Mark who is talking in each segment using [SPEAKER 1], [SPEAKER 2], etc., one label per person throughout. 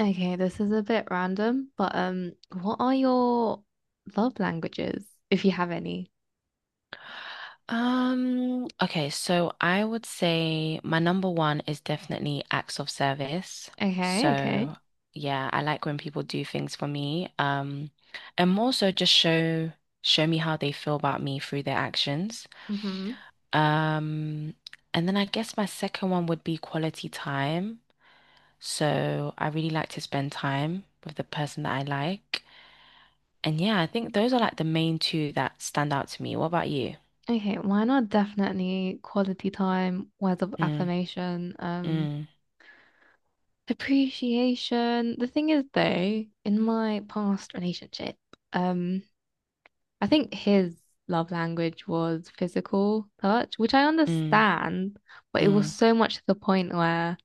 [SPEAKER 1] Okay, this is a bit random, but what are your love languages, if you have any?
[SPEAKER 2] Okay, so I would say my number one is definitely acts of service.
[SPEAKER 1] Okay, okay.
[SPEAKER 2] So, yeah, I like when people do things for me. And more so just show me how they feel about me through their actions.
[SPEAKER 1] Mm-hmm.
[SPEAKER 2] Um, and then I guess my second one would be quality time. So, I really like to spend time with the person that I like. And yeah, I think those are like the main two that stand out to me. What about you?
[SPEAKER 1] Okay, mine are definitely quality time, words of
[SPEAKER 2] Mm,
[SPEAKER 1] affirmation,
[SPEAKER 2] mm,
[SPEAKER 1] appreciation. The thing is though, in my past relationship, um, I think his love language was physical touch, which I
[SPEAKER 2] mm,
[SPEAKER 1] understand, but it was
[SPEAKER 2] mm.
[SPEAKER 1] so much to the point where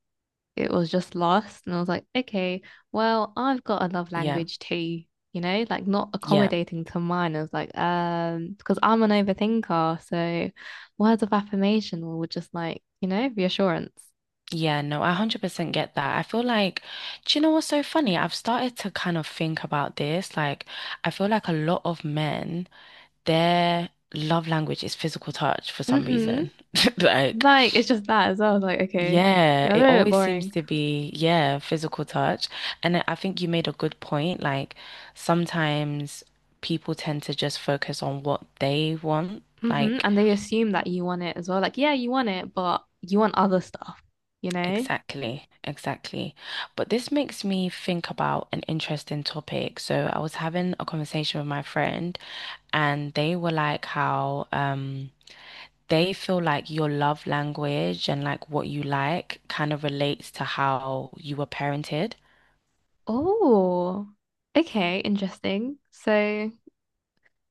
[SPEAKER 1] it was just lost. And I was like, okay, well, I've got a love
[SPEAKER 2] Yeah,
[SPEAKER 1] language too, you know, like not
[SPEAKER 2] yeah,
[SPEAKER 1] accommodating to mine. I was like, because I'm an overthinker. So words of affirmation were just like, you know, reassurance.
[SPEAKER 2] yeah. No, I 100% get that. I feel like, do you know what's so funny? I've started to kind of think about this. Like, I feel like a lot of men, their love language is physical touch for some
[SPEAKER 1] Mm-hmm.
[SPEAKER 2] reason. Like,
[SPEAKER 1] Like it's just that as well. I was like, okay,
[SPEAKER 2] yeah,
[SPEAKER 1] yeah,
[SPEAKER 2] it
[SPEAKER 1] they're a bit
[SPEAKER 2] always seems
[SPEAKER 1] boring.
[SPEAKER 2] to be, yeah, physical touch. And I think you made a good point. Like, sometimes people tend to just focus on what they want.
[SPEAKER 1] Mm-hmm.
[SPEAKER 2] Like,
[SPEAKER 1] And they assume that you want it as well. Like, yeah, you want it, but you want other stuff, you know?
[SPEAKER 2] Exactly, exactly. But this makes me think about an interesting topic. So I was having a conversation with my friend, and they were like how they feel like your love language and like what you like kind of relates to how you were parented.
[SPEAKER 1] Oh, okay, interesting. So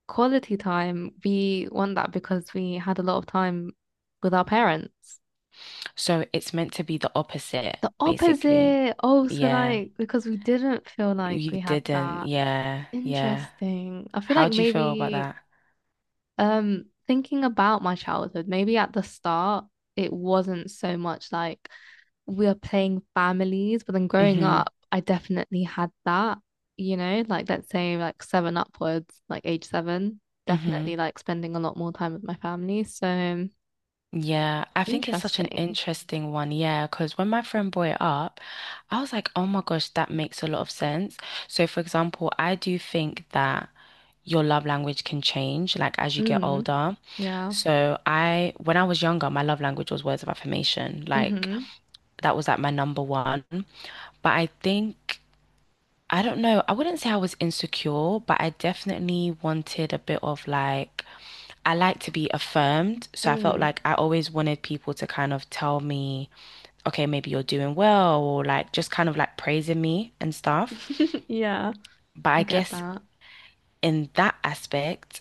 [SPEAKER 1] quality time, we want that because we had a lot of time with our parents.
[SPEAKER 2] So it's meant to be the opposite,
[SPEAKER 1] The
[SPEAKER 2] basically.
[SPEAKER 1] opposite. Oh, so
[SPEAKER 2] Yeah,
[SPEAKER 1] like because we didn't feel like
[SPEAKER 2] you
[SPEAKER 1] we had
[SPEAKER 2] didn't.
[SPEAKER 1] that.
[SPEAKER 2] Yeah, yeah.
[SPEAKER 1] Interesting. I feel
[SPEAKER 2] How
[SPEAKER 1] like
[SPEAKER 2] do you feel about
[SPEAKER 1] maybe
[SPEAKER 2] that?
[SPEAKER 1] thinking about my childhood, maybe at the start it wasn't so much like we are playing families, but then growing
[SPEAKER 2] Mm-hmm.
[SPEAKER 1] up, I definitely had that, you know, like let's say like seven upwards, like age seven,
[SPEAKER 2] Mm-hmm.
[SPEAKER 1] definitely like spending a lot more time with my family. So
[SPEAKER 2] Yeah, I think it's such an
[SPEAKER 1] interesting.
[SPEAKER 2] interesting one. Yeah, because when my friend brought it up, I was like, oh my gosh, that makes a lot of sense. So, for example, I do think that your love language can change like as you get
[SPEAKER 1] Mm,
[SPEAKER 2] older.
[SPEAKER 1] yeah.
[SPEAKER 2] When I was younger, my love language was words of affirmation. Like,
[SPEAKER 1] Mm-hmm.
[SPEAKER 2] that was like my number one. But I think. I don't know. I wouldn't say I was insecure, but I definitely wanted a bit of like, I like to be affirmed. So I felt
[SPEAKER 1] Mm.
[SPEAKER 2] like I always wanted people to kind of tell me, okay, maybe you're doing well, or like just kind of like praising me and stuff.
[SPEAKER 1] Yeah,
[SPEAKER 2] But I
[SPEAKER 1] I get
[SPEAKER 2] guess
[SPEAKER 1] that.
[SPEAKER 2] in that aspect,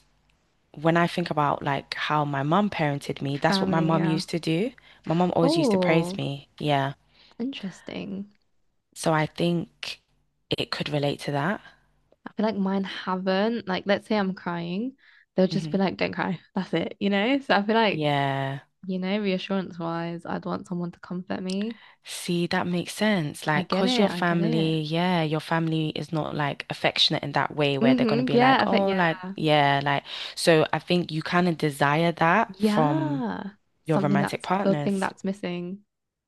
[SPEAKER 2] when I think about like how my mum parented me, that's what my
[SPEAKER 1] Family,
[SPEAKER 2] mum
[SPEAKER 1] yeah.
[SPEAKER 2] used to do. My mum always used to praise
[SPEAKER 1] Oh,
[SPEAKER 2] me. Yeah.
[SPEAKER 1] interesting.
[SPEAKER 2] So I think it could relate to that.
[SPEAKER 1] I feel like mine haven't. Like, let's say I'm crying, they'll just
[SPEAKER 2] hmm
[SPEAKER 1] be like, don't cry. That's it, you know? So I feel like,
[SPEAKER 2] Yeah.
[SPEAKER 1] you know, reassurance wise, I'd want someone to comfort me.
[SPEAKER 2] See, that makes sense.
[SPEAKER 1] I
[SPEAKER 2] Like,
[SPEAKER 1] get
[SPEAKER 2] cause your
[SPEAKER 1] it. I get it.
[SPEAKER 2] family, yeah, your family is not like affectionate in that way where they're gonna
[SPEAKER 1] Mm-hmm.
[SPEAKER 2] be
[SPEAKER 1] Yeah, I
[SPEAKER 2] like,
[SPEAKER 1] feel
[SPEAKER 2] oh, like,
[SPEAKER 1] yeah.
[SPEAKER 2] yeah, like, so I think you kind of desire that from
[SPEAKER 1] Yeah.
[SPEAKER 2] your
[SPEAKER 1] Something,
[SPEAKER 2] romantic
[SPEAKER 1] that's the thing
[SPEAKER 2] partners.
[SPEAKER 1] that's missing.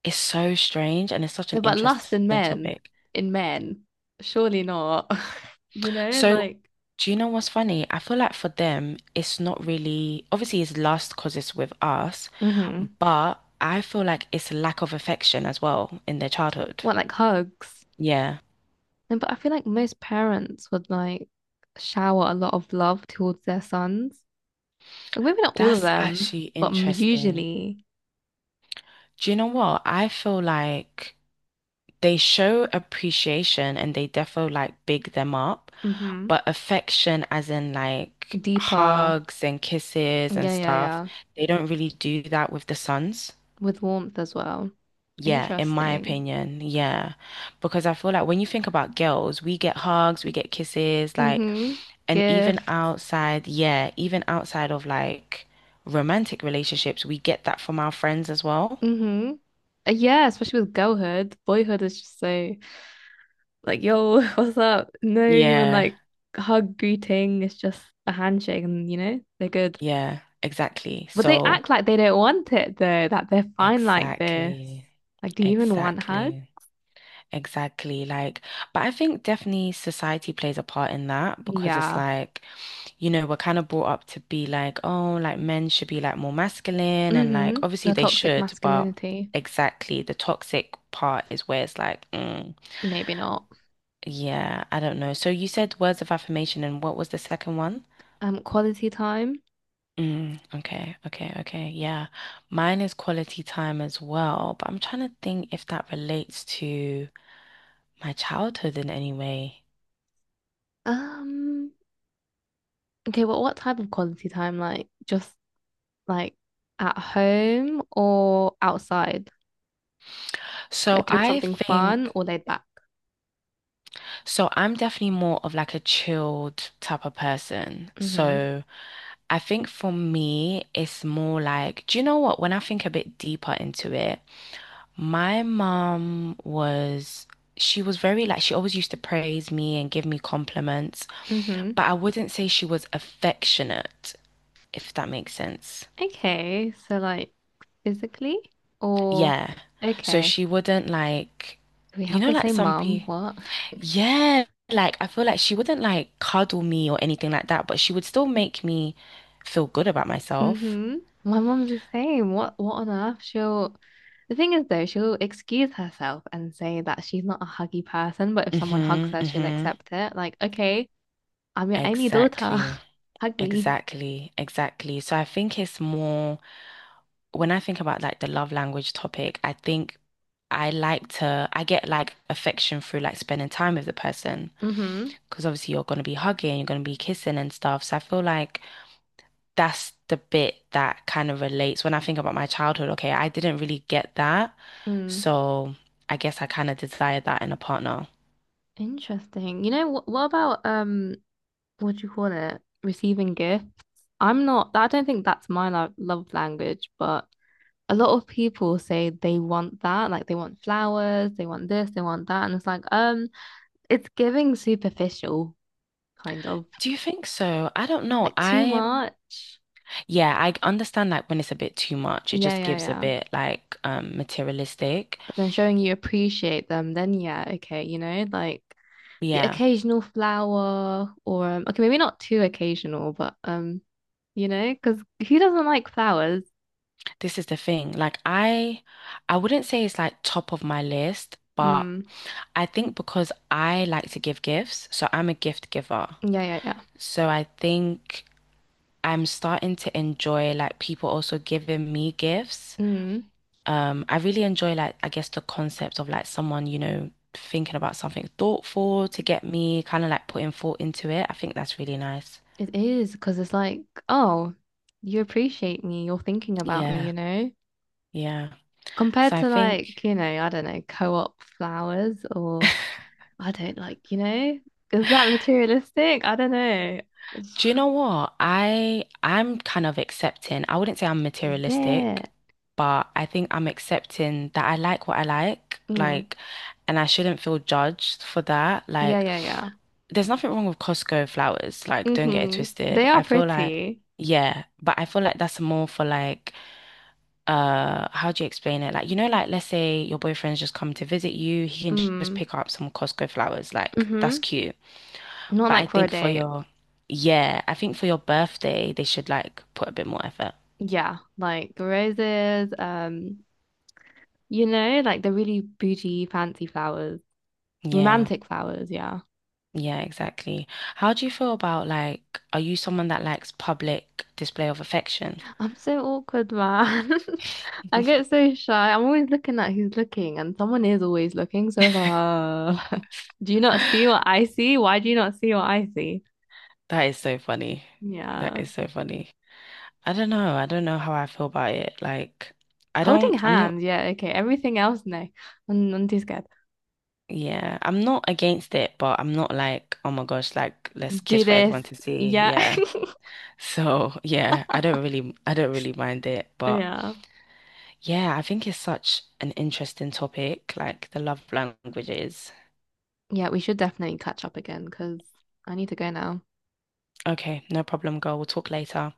[SPEAKER 2] It's so strange and it's such an
[SPEAKER 1] No, but lust
[SPEAKER 2] interesting topic.
[SPEAKER 1] in men, surely not. You know,
[SPEAKER 2] So,
[SPEAKER 1] like,
[SPEAKER 2] do you know what's funny? I feel like for them, it's not really, obviously, it's lust because it's with us,
[SPEAKER 1] hmm,
[SPEAKER 2] but I feel like it's lack of affection as well in their childhood.
[SPEAKER 1] what, like hugs?
[SPEAKER 2] Yeah,
[SPEAKER 1] No, but I feel like most parents would like shower a lot of love towards their sons. Like, maybe not all of
[SPEAKER 2] that's
[SPEAKER 1] them,
[SPEAKER 2] actually
[SPEAKER 1] but
[SPEAKER 2] interesting.
[SPEAKER 1] usually,
[SPEAKER 2] Do you know what? I feel like they show appreciation and they defo like big them up,
[SPEAKER 1] hmm,
[SPEAKER 2] but affection as in like
[SPEAKER 1] deeper.
[SPEAKER 2] hugs and kisses and
[SPEAKER 1] Yeah, yeah,
[SPEAKER 2] stuff,
[SPEAKER 1] yeah.
[SPEAKER 2] they don't really do that with the sons.
[SPEAKER 1] With warmth as well.
[SPEAKER 2] Yeah, in my
[SPEAKER 1] Interesting.
[SPEAKER 2] opinion, yeah. Because I feel like when you think about girls, we get hugs, we get kisses, like,
[SPEAKER 1] Mm-hmm.
[SPEAKER 2] and even
[SPEAKER 1] Gifts.
[SPEAKER 2] outside, yeah, even outside of like romantic relationships, we get that from our friends as well.
[SPEAKER 1] Mm-hmm. Yeah, especially with girlhood. Boyhood is just so like, yo, what's up? No even
[SPEAKER 2] Yeah.
[SPEAKER 1] like hug greeting. It's just a handshake and you know, they're good.
[SPEAKER 2] Yeah, exactly.
[SPEAKER 1] But they
[SPEAKER 2] So,
[SPEAKER 1] act like they don't want it though, that they're fine like this.
[SPEAKER 2] exactly,
[SPEAKER 1] Like, do you even want hug?
[SPEAKER 2] exactly, exactly. Like, but I think definitely society plays a part in that because it's
[SPEAKER 1] Yeah.
[SPEAKER 2] like, you know, we're kind of brought up to be like, oh, like men should be like more masculine and like
[SPEAKER 1] Mm-hmm.
[SPEAKER 2] obviously
[SPEAKER 1] The
[SPEAKER 2] they
[SPEAKER 1] toxic
[SPEAKER 2] should, but
[SPEAKER 1] masculinity.
[SPEAKER 2] exactly the toxic part is where it's like, mm,
[SPEAKER 1] Maybe not.
[SPEAKER 2] yeah, I don't know. So you said words of affirmation and what was the second one?
[SPEAKER 1] Quality time.
[SPEAKER 2] Mm, okay, okay, okay. Yeah. Mine is quality time as well, but I'm trying to think if that relates to my childhood in any way.
[SPEAKER 1] Um, okay, well, what type of quality time? Like just like at home or outside?
[SPEAKER 2] So
[SPEAKER 1] Like doing
[SPEAKER 2] I
[SPEAKER 1] something fun
[SPEAKER 2] think,
[SPEAKER 1] or laid back?
[SPEAKER 2] so I'm definitely more of like a chilled type of person.
[SPEAKER 1] Mm-hmm.
[SPEAKER 2] So I think for me, it's more like, do you know what? When I think a bit deeper into it, My mom was, she was very like, she always used to praise me and give me compliments,
[SPEAKER 1] Mm-hmm.
[SPEAKER 2] but I wouldn't say she was affectionate, if that makes sense.
[SPEAKER 1] Okay, so like physically or
[SPEAKER 2] Yeah. So
[SPEAKER 1] okay.
[SPEAKER 2] she wouldn't like,
[SPEAKER 1] We
[SPEAKER 2] you
[SPEAKER 1] have
[SPEAKER 2] know,
[SPEAKER 1] the
[SPEAKER 2] like
[SPEAKER 1] same
[SPEAKER 2] some
[SPEAKER 1] mum.
[SPEAKER 2] people,
[SPEAKER 1] What?
[SPEAKER 2] yeah, like I feel like she wouldn't like cuddle me or anything like that, but she would still make me feel good about myself.
[SPEAKER 1] Mm-hmm. My mum's the same. What on earth? She'll the thing is though, she'll excuse herself and say that she's not a huggy person, but if someone hugs
[SPEAKER 2] Mm-hmm,
[SPEAKER 1] her, she'll
[SPEAKER 2] mm-hmm.
[SPEAKER 1] accept it. Like, okay, I'm your only daughter.
[SPEAKER 2] Exactly,
[SPEAKER 1] Hug me.
[SPEAKER 2] exactly. So I think it's more. When I think about like the love language topic, I think I get like affection through like spending time with the person
[SPEAKER 1] Mm-hmm.
[SPEAKER 2] because obviously you're going to be hugging, you're going to be kissing and stuff. So I feel like that's the bit that kind of relates when I think about my childhood. Okay, I didn't really get that.
[SPEAKER 1] Mm.
[SPEAKER 2] So I guess I kind of desire that in a partner.
[SPEAKER 1] Interesting. You know what about what do you call it? Receiving gifts. I don't think that's my love language, but a lot of people say they want that, like they want flowers, they want this, they want that, and it's like, it's giving superficial, kind of,
[SPEAKER 2] Do you think so? I don't know.
[SPEAKER 1] like too
[SPEAKER 2] I,
[SPEAKER 1] much.
[SPEAKER 2] yeah, I understand like when it's a bit too much, it
[SPEAKER 1] Yeah,
[SPEAKER 2] just
[SPEAKER 1] yeah,
[SPEAKER 2] gives a
[SPEAKER 1] yeah.
[SPEAKER 2] bit like materialistic.
[SPEAKER 1] But then showing you appreciate them, then yeah, okay, you know, like the
[SPEAKER 2] Yeah.
[SPEAKER 1] occasional flower, or okay, maybe not too occasional, but you know, because who doesn't like flowers?
[SPEAKER 2] This is the thing. Like I wouldn't say it's like top of my list, but
[SPEAKER 1] Mm,
[SPEAKER 2] I think because I like to give gifts, so I'm a gift giver.
[SPEAKER 1] yeah, yeah, yeah.
[SPEAKER 2] So I think I'm starting to enjoy like people also giving me gifts.
[SPEAKER 1] Mm,
[SPEAKER 2] I really enjoy like I guess the concept of like someone, you know, thinking about something thoughtful to get me, kind of like putting thought into it. I think that's really nice.
[SPEAKER 1] it is because it's like, oh, you appreciate me, you're thinking about me,
[SPEAKER 2] Yeah.
[SPEAKER 1] you know,
[SPEAKER 2] Yeah. So
[SPEAKER 1] compared
[SPEAKER 2] I
[SPEAKER 1] to
[SPEAKER 2] think
[SPEAKER 1] like, you know, I don't know, co-op flowers or I don't like, you know, is that materialistic? I don't know.
[SPEAKER 2] Do you know what? I'm kind of accepting. I wouldn't say I'm
[SPEAKER 1] Is
[SPEAKER 2] materialistic,
[SPEAKER 1] it?
[SPEAKER 2] but I think I'm accepting that I like what I
[SPEAKER 1] Mm.
[SPEAKER 2] like, and I shouldn't feel judged for that.
[SPEAKER 1] Yeah,
[SPEAKER 2] Like,
[SPEAKER 1] yeah, yeah.
[SPEAKER 2] there's nothing wrong with Costco flowers. Like, don't get it
[SPEAKER 1] Mm-hmm.
[SPEAKER 2] twisted.
[SPEAKER 1] They are
[SPEAKER 2] I feel like,
[SPEAKER 1] pretty.
[SPEAKER 2] yeah, but I feel like that's more for like, how do you explain it? Like, you know, like let's say your boyfriend's just come to visit you, he can just
[SPEAKER 1] Mm.
[SPEAKER 2] pick up some Costco flowers. Like, that's
[SPEAKER 1] Mm-hmm.
[SPEAKER 2] cute.
[SPEAKER 1] Not
[SPEAKER 2] But I
[SPEAKER 1] like for a
[SPEAKER 2] think for
[SPEAKER 1] date.
[SPEAKER 2] your, yeah, I think for your birthday, they should like put a bit more effort.
[SPEAKER 1] Yeah, like roses, you know, like the really bougie, fancy flowers,
[SPEAKER 2] Yeah,
[SPEAKER 1] romantic flowers, yeah.
[SPEAKER 2] yeah, exactly. How do you feel about like, are you someone that likes public display of affection?
[SPEAKER 1] I'm so awkward, man. I get so shy. I'm always looking at who's looking, and someone is always looking. So it's like, do you not see what I see? Why do you not see what I see?
[SPEAKER 2] That is so funny. That
[SPEAKER 1] Yeah.
[SPEAKER 2] is so funny. I don't know. I don't know how I feel about it. Like, I
[SPEAKER 1] Holding
[SPEAKER 2] don't, I'm not,
[SPEAKER 1] hands. Yeah. Okay. Everything else, no. I'm too scared.
[SPEAKER 2] yeah, I'm not against it, but I'm not like, oh my gosh, like, let's
[SPEAKER 1] Do
[SPEAKER 2] kiss for
[SPEAKER 1] this.
[SPEAKER 2] everyone to see.
[SPEAKER 1] Yeah.
[SPEAKER 2] Yeah. So, yeah, I don't really mind it, but
[SPEAKER 1] Yeah.
[SPEAKER 2] yeah, I think it's such an interesting topic, like the love languages.
[SPEAKER 1] Yeah. We should definitely catch up again because I need to go now.
[SPEAKER 2] Okay, no problem, girl. We'll talk later.